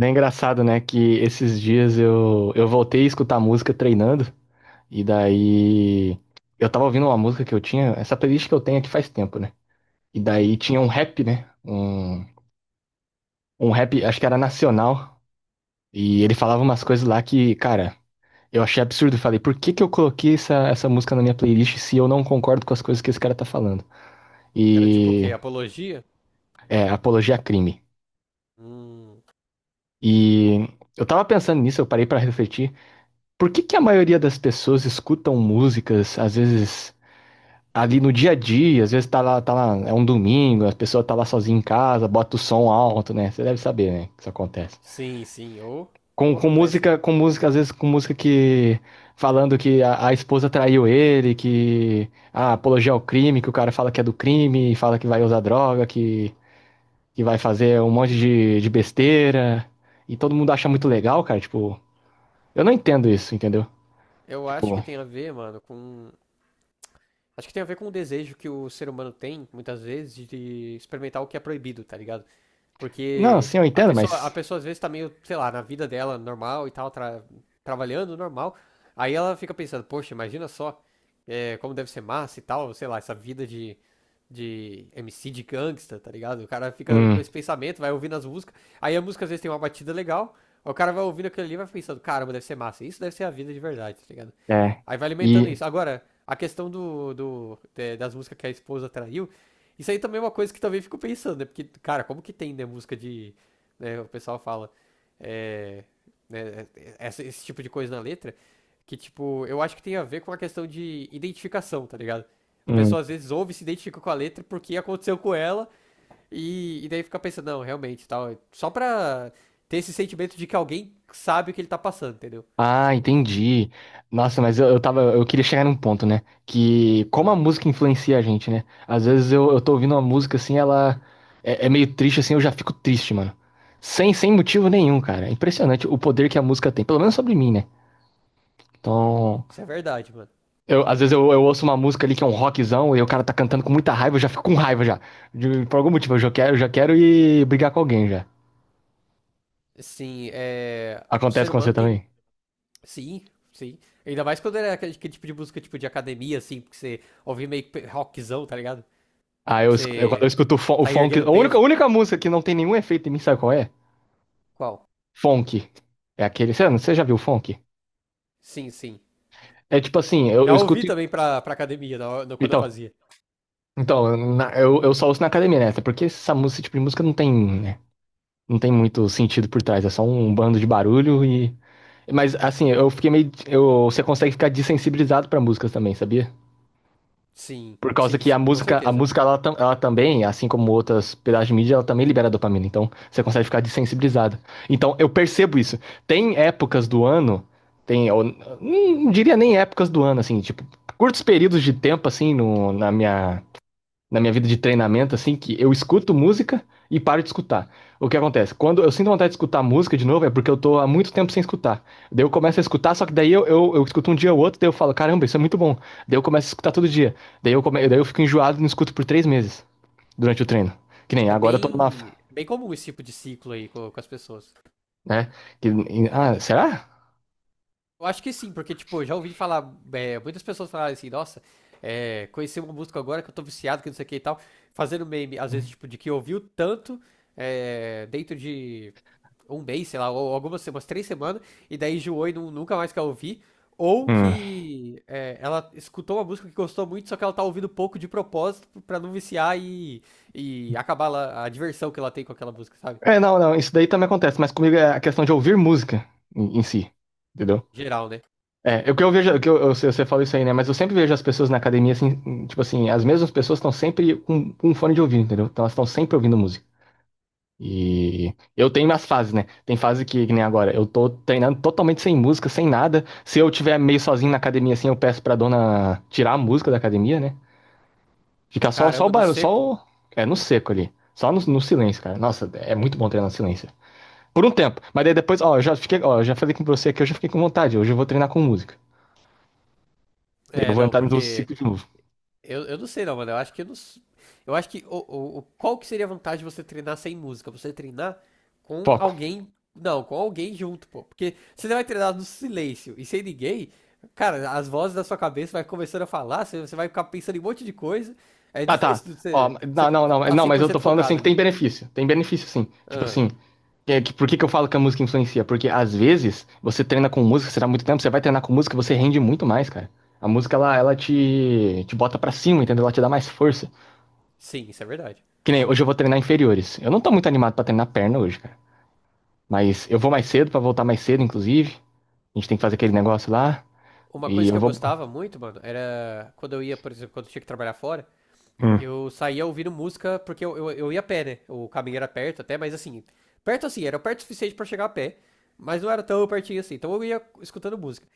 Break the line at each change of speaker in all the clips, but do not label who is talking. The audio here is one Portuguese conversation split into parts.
É engraçado, né, que esses dias eu voltei a escutar música treinando, e daí eu tava ouvindo uma música que eu tinha, essa playlist que eu tenho aqui faz tempo, né? E
Hum.
daí tinha um rap, né? Um rap, acho que era nacional, e ele falava umas coisas lá que, cara, eu achei absurdo. Eu falei, por que que eu coloquei essa música na minha playlist se eu não concordo com as coisas que esse cara tá falando?
Era tipo o quê?
E
Apologia?
é, apologia a crime.
Hum.
E eu tava pensando nisso, eu parei pra refletir. Por que que a maioria das pessoas escutam músicas, às vezes ali no dia a dia, às vezes tá lá, é um domingo, a pessoa tá lá sozinha em casa, bota o som alto, né? Você deve saber, né, que isso acontece.
Sim, sim. Ou como acontecem.
Com música, às vezes com música que falando que a esposa traiu ele, que a apologia ao crime, que o cara fala que é do crime, fala que vai usar droga, que vai fazer um monte de besteira, e todo mundo acha muito legal, cara, tipo, eu não entendo isso, entendeu?
Eu acho que
Tipo,
tem a ver, mano, com. Acho que tem a ver com o desejo que o ser humano tem, muitas vezes, de experimentar o que é proibido, tá ligado?
não,
Porque
sim, eu
a
entendo,
pessoa, a
mas
pessoa às vezes tá meio, sei lá, na vida dela normal e tal, trabalhando normal. Aí ela fica pensando, poxa, imagina só como deve ser massa e tal, sei lá, essa vida de MC de gangsta, tá ligado? O cara fica
Hum,
com esse pensamento, vai ouvindo as músicas. Aí a música às vezes tem uma batida legal, aí o cara vai ouvindo aquilo ali e vai pensando, caramba, deve ser massa. Isso deve ser a vida de verdade, tá ligado?
é.
Aí vai alimentando
E.
isso. Agora, a questão das músicas que a esposa traiu. Isso aí também é uma coisa que também fico pensando, né? Porque, cara, como que tem, né, música de. Né, o pessoal fala. é, né, esse tipo de coisa na letra, que, tipo, eu acho que tem a ver com a questão de identificação, tá ligado? A
hum.
pessoa às vezes ouve e se identifica com a letra porque aconteceu com ela e daí fica pensando, não, realmente, tal. Só pra ter esse sentimento de que alguém sabe o que ele tá passando, entendeu?
Ah, entendi. Nossa, mas eu tava. Eu queria chegar num ponto, né? Que como a
Ah,
música influencia a gente, né? Às vezes eu tô ouvindo uma música assim, ela é meio triste, assim, eu já fico triste, mano. Sem motivo nenhum, cara. É impressionante o poder que a música tem, pelo menos sobre mim, né? Então.
isso é verdade, mano.
Eu,
Eu-
eu ouço uma música ali que é um rockzão e o cara tá cantando com muita raiva, eu já fico com raiva já. Por algum motivo, eu já quero ir brigar com alguém já.
Sim, é. O
Acontece
ser
com você
humano tem.
também?
Sim, sim. Ainda mais quando era aquele tipo de música tipo de academia, assim, porque você ouvia meio que rockzão, tá ligado?
Ah, quando
Você
eu escuto o
tá
funk.
erguendo
A
peso.
única música que não tem nenhum efeito em mim, sabe qual é?
Qual?
Funk. É aquele. Você já viu funk?
Sim, sim.
É tipo assim, eu
Já ouvi
escuto.
também pra academia na hora- no- quando eu
Então,
fazia.
eu só ouço na academia, né? Até porque essa música, esse tipo de música não tem, né? Não tem muito sentido por trás. É só um bando de barulho e. Mas assim, eu fiquei meio. Eu, você consegue ficar dessensibilizado pra músicas também, sabia?
Sim,
Por causa
sim,
que
isso, com
a
certeza.
música ela também, assim como outras pedaços de mídia, ela também libera dopamina. Então, você consegue ficar desensibilizado. Então, eu percebo isso. Tem épocas do ano, eu não diria nem épocas do ano, assim, tipo, curtos períodos de tempo, assim, no, na minha vida de treinamento, assim, que eu escuto música e paro de escutar. O que acontece? Quando eu sinto vontade de escutar música de novo, é porque eu tô há muito tempo sem escutar. Daí eu começo a escutar, só que daí eu escuto um dia ou outro, daí eu falo, caramba, isso é muito bom. Daí eu começo a escutar todo dia. Daí daí eu fico enjoado e não escuto por três meses durante o treino. Que nem
É
agora eu tô numa.
bem, bem comum esse tipo de ciclo aí com as pessoas.
Né? Que... Ah, será?
Eu acho que sim, porque, tipo, eu já ouvi falar, muitas pessoas falarem assim, nossa, conheci uma música agora que eu tô viciado, que não sei o que e tal, fazendo meme, às vezes, tipo, de que ouviu tanto, dentro de um mês, sei lá, ou algumas umas três semanas, e daí enjoou e nunca mais quer ouvir. Ou
Hum.
que é, ela escutou uma música que gostou muito, só que ela tá ouvindo pouco de propósito pra não viciar e a diversão que ela tem com aquela música, sabe?
É, não, não, isso daí também acontece, mas comigo é a questão de ouvir música em si, entendeu?
Geral, né?
É, o que eu vejo, o que eu, você falou isso aí, né? Mas eu sempre vejo as pessoas na academia, assim, tipo assim, as mesmas pessoas estão sempre com um fone de ouvido, entendeu? Então elas estão sempre ouvindo música. E eu tenho minhas fases, né? Tem fase que nem agora, eu tô treinando totalmente sem música, sem nada. Se eu tiver meio sozinho na academia, assim, eu peço pra dona tirar a música da academia, né? Ficar só, só o
Caramba, no
barulho,
seco.
é, no seco ali. Só no silêncio, cara. Nossa, é muito bom treinar no silêncio. Por um tempo. Mas daí depois, ó, eu já fiquei, ó, eu já falei com você que eu já fiquei com vontade. Hoje eu vou treinar com música. Daí eu
É,
vou
não,
entrar no
porque
ciclo de novo.
eu não sei não, mano. Eu acho que eu não. Eu acho que qual que seria a vantagem de você treinar sem música? Você treinar com
Foco.
alguém, não, com alguém junto, pô. Porque se você vai treinar no silêncio e sem ninguém, cara, as vozes da sua cabeça vai começando a falar, você vai ficar pensando em um monte de coisa. É
Tá, tá.
difícil de
Ó,
você
não, não, não,
tá
não,
cem
mas
por
eu
cento
tô falando assim
focado
que tem
ali.
benefício. Tem benefício sim. Tipo
Ah,
assim, por que que eu falo que a música influencia? Porque às vezes você treina com música, você dá muito tempo, você vai treinar com música, você rende muito mais, cara. A música, te bota pra cima, entendeu? Ela te dá mais força.
sim, isso é verdade.
Que nem hoje eu vou treinar inferiores. Eu não tô muito animado pra treinar perna hoje, cara. Mas eu vou mais cedo pra voltar mais cedo, inclusive. A gente tem que fazer aquele negócio lá.
Uma
E
coisa que
eu
eu
vou.
gostava muito, mano, era quando eu ia, por exemplo, quando eu tinha que trabalhar fora,
Hum.
eu saía ouvindo música, porque eu ia a pé, né? O caminho era perto até, mas assim, perto assim, era perto o suficiente pra chegar a pé, mas não era tão pertinho assim, então eu ia escutando música.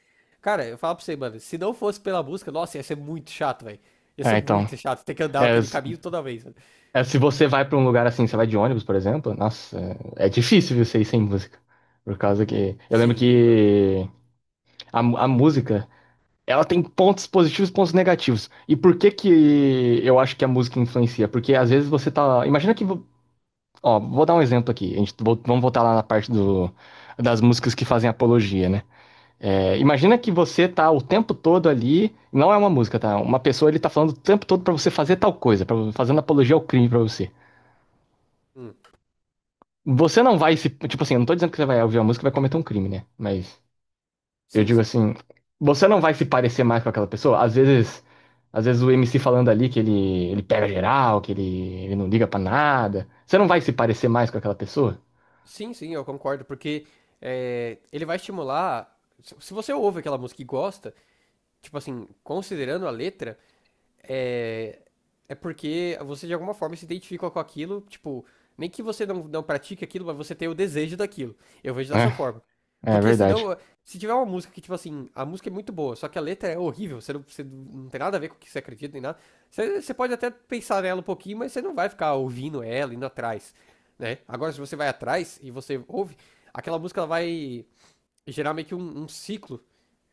Cara, eu falo pra você, mano, se não fosse pela música, nossa, ia ser muito chato, velho. Ia ser
É, então.
muito chato ter que andar
É,
aquele caminho toda vez, mano.
É, se você vai pra um lugar assim, você vai de ônibus, por exemplo, nossa, é difícil você ir sem música. Por causa que. Eu lembro
Sim, mano.
que a música, ela tem pontos positivos e pontos negativos. E por que que eu acho que a música influencia? Porque às vezes você tá. Ó, vou dar um exemplo aqui. Vamos voltar lá na das músicas que fazem apologia, né? É, imagina que você tá o tempo todo ali, não é uma música, tá? Uma pessoa ele tá falando o tempo todo pra você fazer tal coisa, fazendo apologia ao crime pra você.
Hum.
Você não vai se. Tipo assim, eu não tô dizendo que você vai ouvir a música e vai cometer um crime, né? Mas eu
Sim,
digo
sim.
assim, você não vai se parecer mais com aquela pessoa. Às vezes o MC falando ali que ele pega geral, que ele não liga pra nada. Você não vai se parecer mais com aquela pessoa?
Sim, sim, eu concordo, porque é, ele vai estimular. Se você ouve aquela música e gosta, tipo assim, considerando a letra, é, é porque você de alguma forma se identifica com aquilo, tipo, nem que você não pratique aquilo, mas você tem o desejo daquilo. Eu vejo dessa
Né?
forma.
é
Porque se
verdade.
não, se tiver uma música que, tipo assim, a música é muito boa, só que a letra é horrível, você não tem nada a ver com o que você acredita nem nada, você pode até pensar nela um pouquinho, mas você não vai ficar ouvindo ela, indo atrás, né? Agora, se você vai atrás e você ouve, aquela música ela vai gerar meio que um ciclo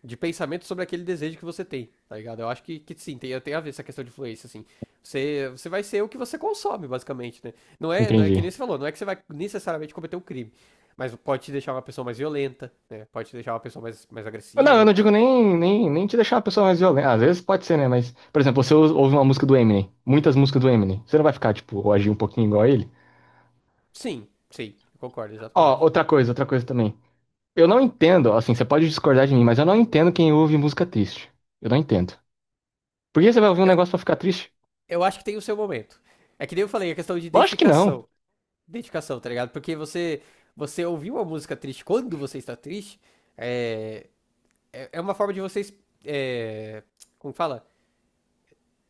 de pensamento sobre aquele desejo que você tem, tá ligado? Eu acho que sim, tem, tem a ver essa questão de influência, assim. Você vai ser o que você consome, basicamente, né? Não é que
Entendi.
nem você falou, não é que você vai necessariamente cometer um crime. Mas pode te deixar uma pessoa mais violenta, né? Pode te deixar uma pessoa mais, mais
Não, eu
agressiva.
não digo nem, nem, nem te deixar uma pessoa mais violenta. Às vezes pode ser, né? Mas, por exemplo, ouve uma música do Eminem, muitas músicas do Eminem. Você não vai ficar, tipo, ou agir um pouquinho igual a ele?
Sim, sim, eu concordo,
Ó,
exatamente.
outra coisa também. Eu não entendo, assim, você pode discordar de mim, mas eu não entendo quem ouve música triste. Eu não entendo. Por que você vai ouvir um
Eu,
negócio pra ficar triste?
eu acho que tem o seu momento. É que nem eu falei, a questão de
Lógico que não.
identificação. Identificação, tá ligado? Porque você, você ouvir uma música triste quando você está triste é, é uma forma de vocês. É, como fala?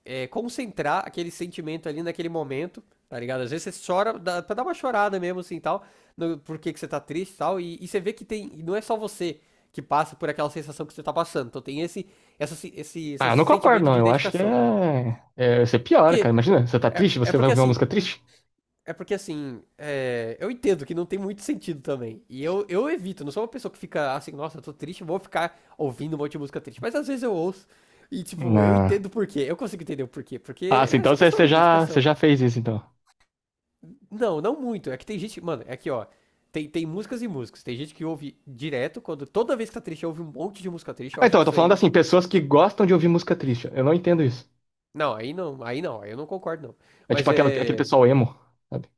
É, concentrar aquele sentimento ali naquele momento, tá ligado? Às vezes você chora dá, pra dar uma chorada mesmo, assim, tal, no, por que que você tá triste tal, e tal, e você vê que tem, não é só você que passa por aquela sensação que você tá passando, então tem
Ah,
esse
eu não concordo,
sentimento
não.
de
Eu acho que
identificação.
é. É você piora,
Porque,
cara. Imagina, você tá triste,
é
você vai
porque
ouvir uma
assim,
música triste?
é porque assim, é, eu entendo que não tem muito sentido também, e eu evito, não sou uma pessoa que fica assim, nossa, eu tô triste, vou ficar ouvindo um monte de música triste, mas às vezes eu ouço, e, tipo, eu
Não.
entendo por quê. Eu consigo entender o porquê. Porque
Ah, assim,
é essa
então
questão de
você
dedicação.
já fez isso, então.
Não, não muito. É que tem gente. Mano, é que, ó. Tem, tem músicas e músicas. Tem gente que ouve direto, quando toda vez que tá triste, ouve um monte de música triste. Eu
Ah,
acho
então,
que
eu tô
isso aí.
falando assim, pessoas que gostam de ouvir música triste. Eu não entendo isso.
Não, aí não, aí não, aí eu não concordo, não.
É tipo
Mas
aquela, aquele
é.
pessoal emo, sabe?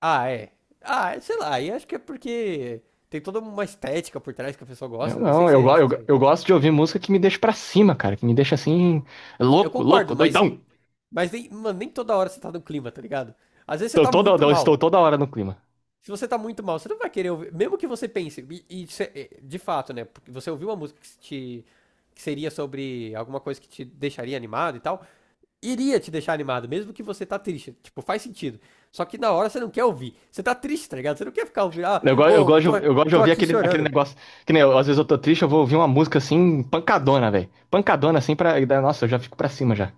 Ah, é. Ah, é, sei lá, aí acho que é porque tem toda uma estética por trás que a pessoa
Eu
gosta. Não sei
não,
se
eu,
é
go-
essa só aí.
eu gosto de ouvir música que me deixa pra cima, cara. Que me deixa assim,
Eu
louco, louco,
concordo,
doidão.
mas nem, mano, nem toda hora você tá no clima, tá ligado? Às vezes você
Tô
tá
toda,
muito
eu
mal.
estou toda hora no clima.
Se você tá muito mal, você não vai querer ouvir. Mesmo que você pense, e de fato, né? Porque você ouviu uma música que te. Que seria sobre alguma coisa que te deixaria animado e tal. Iria te deixar animado, mesmo que você tá triste. Tipo, faz sentido. Só que na hora você não quer ouvir. Você tá triste, tá ligado? Você não quer ficar ouvindo.
Eu gosto de
Tô
ouvir
aqui
aquele, aquele
chorando.
negócio. Que nem eu, às vezes eu tô triste, eu vou ouvir uma música assim, pancadona, velho. Pancadona assim pra. Da- Nossa, eu já fico pra cima já.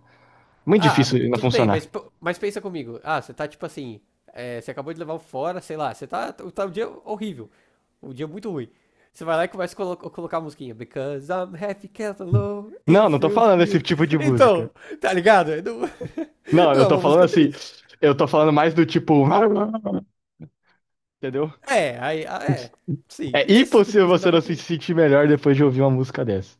Muito
Ah,
difícil não
tudo bem,
funcionar.
mas, mas pensa comigo. Ah, você tá tipo assim. É, você acabou de levar um fora, sei lá. Tá um dia horrível. Um dia muito ruim. Você vai lá e começa a colocar a musiquinha. Because I'm happy, can't alone,
Não, não
if
tô
you
falando
feel.
esse tipo de música.
Então, tá ligado? Não,
Não,
não
eu
é
tô
uma
falando
música
assim.
triste.
Eu tô falando mais do tipo. Entendeu?
É, aí, ah, é. Sim,
É
esse tipo de
impossível
música dá
você não
pra
se
ter.
sentir melhor depois de ouvir uma música dessa.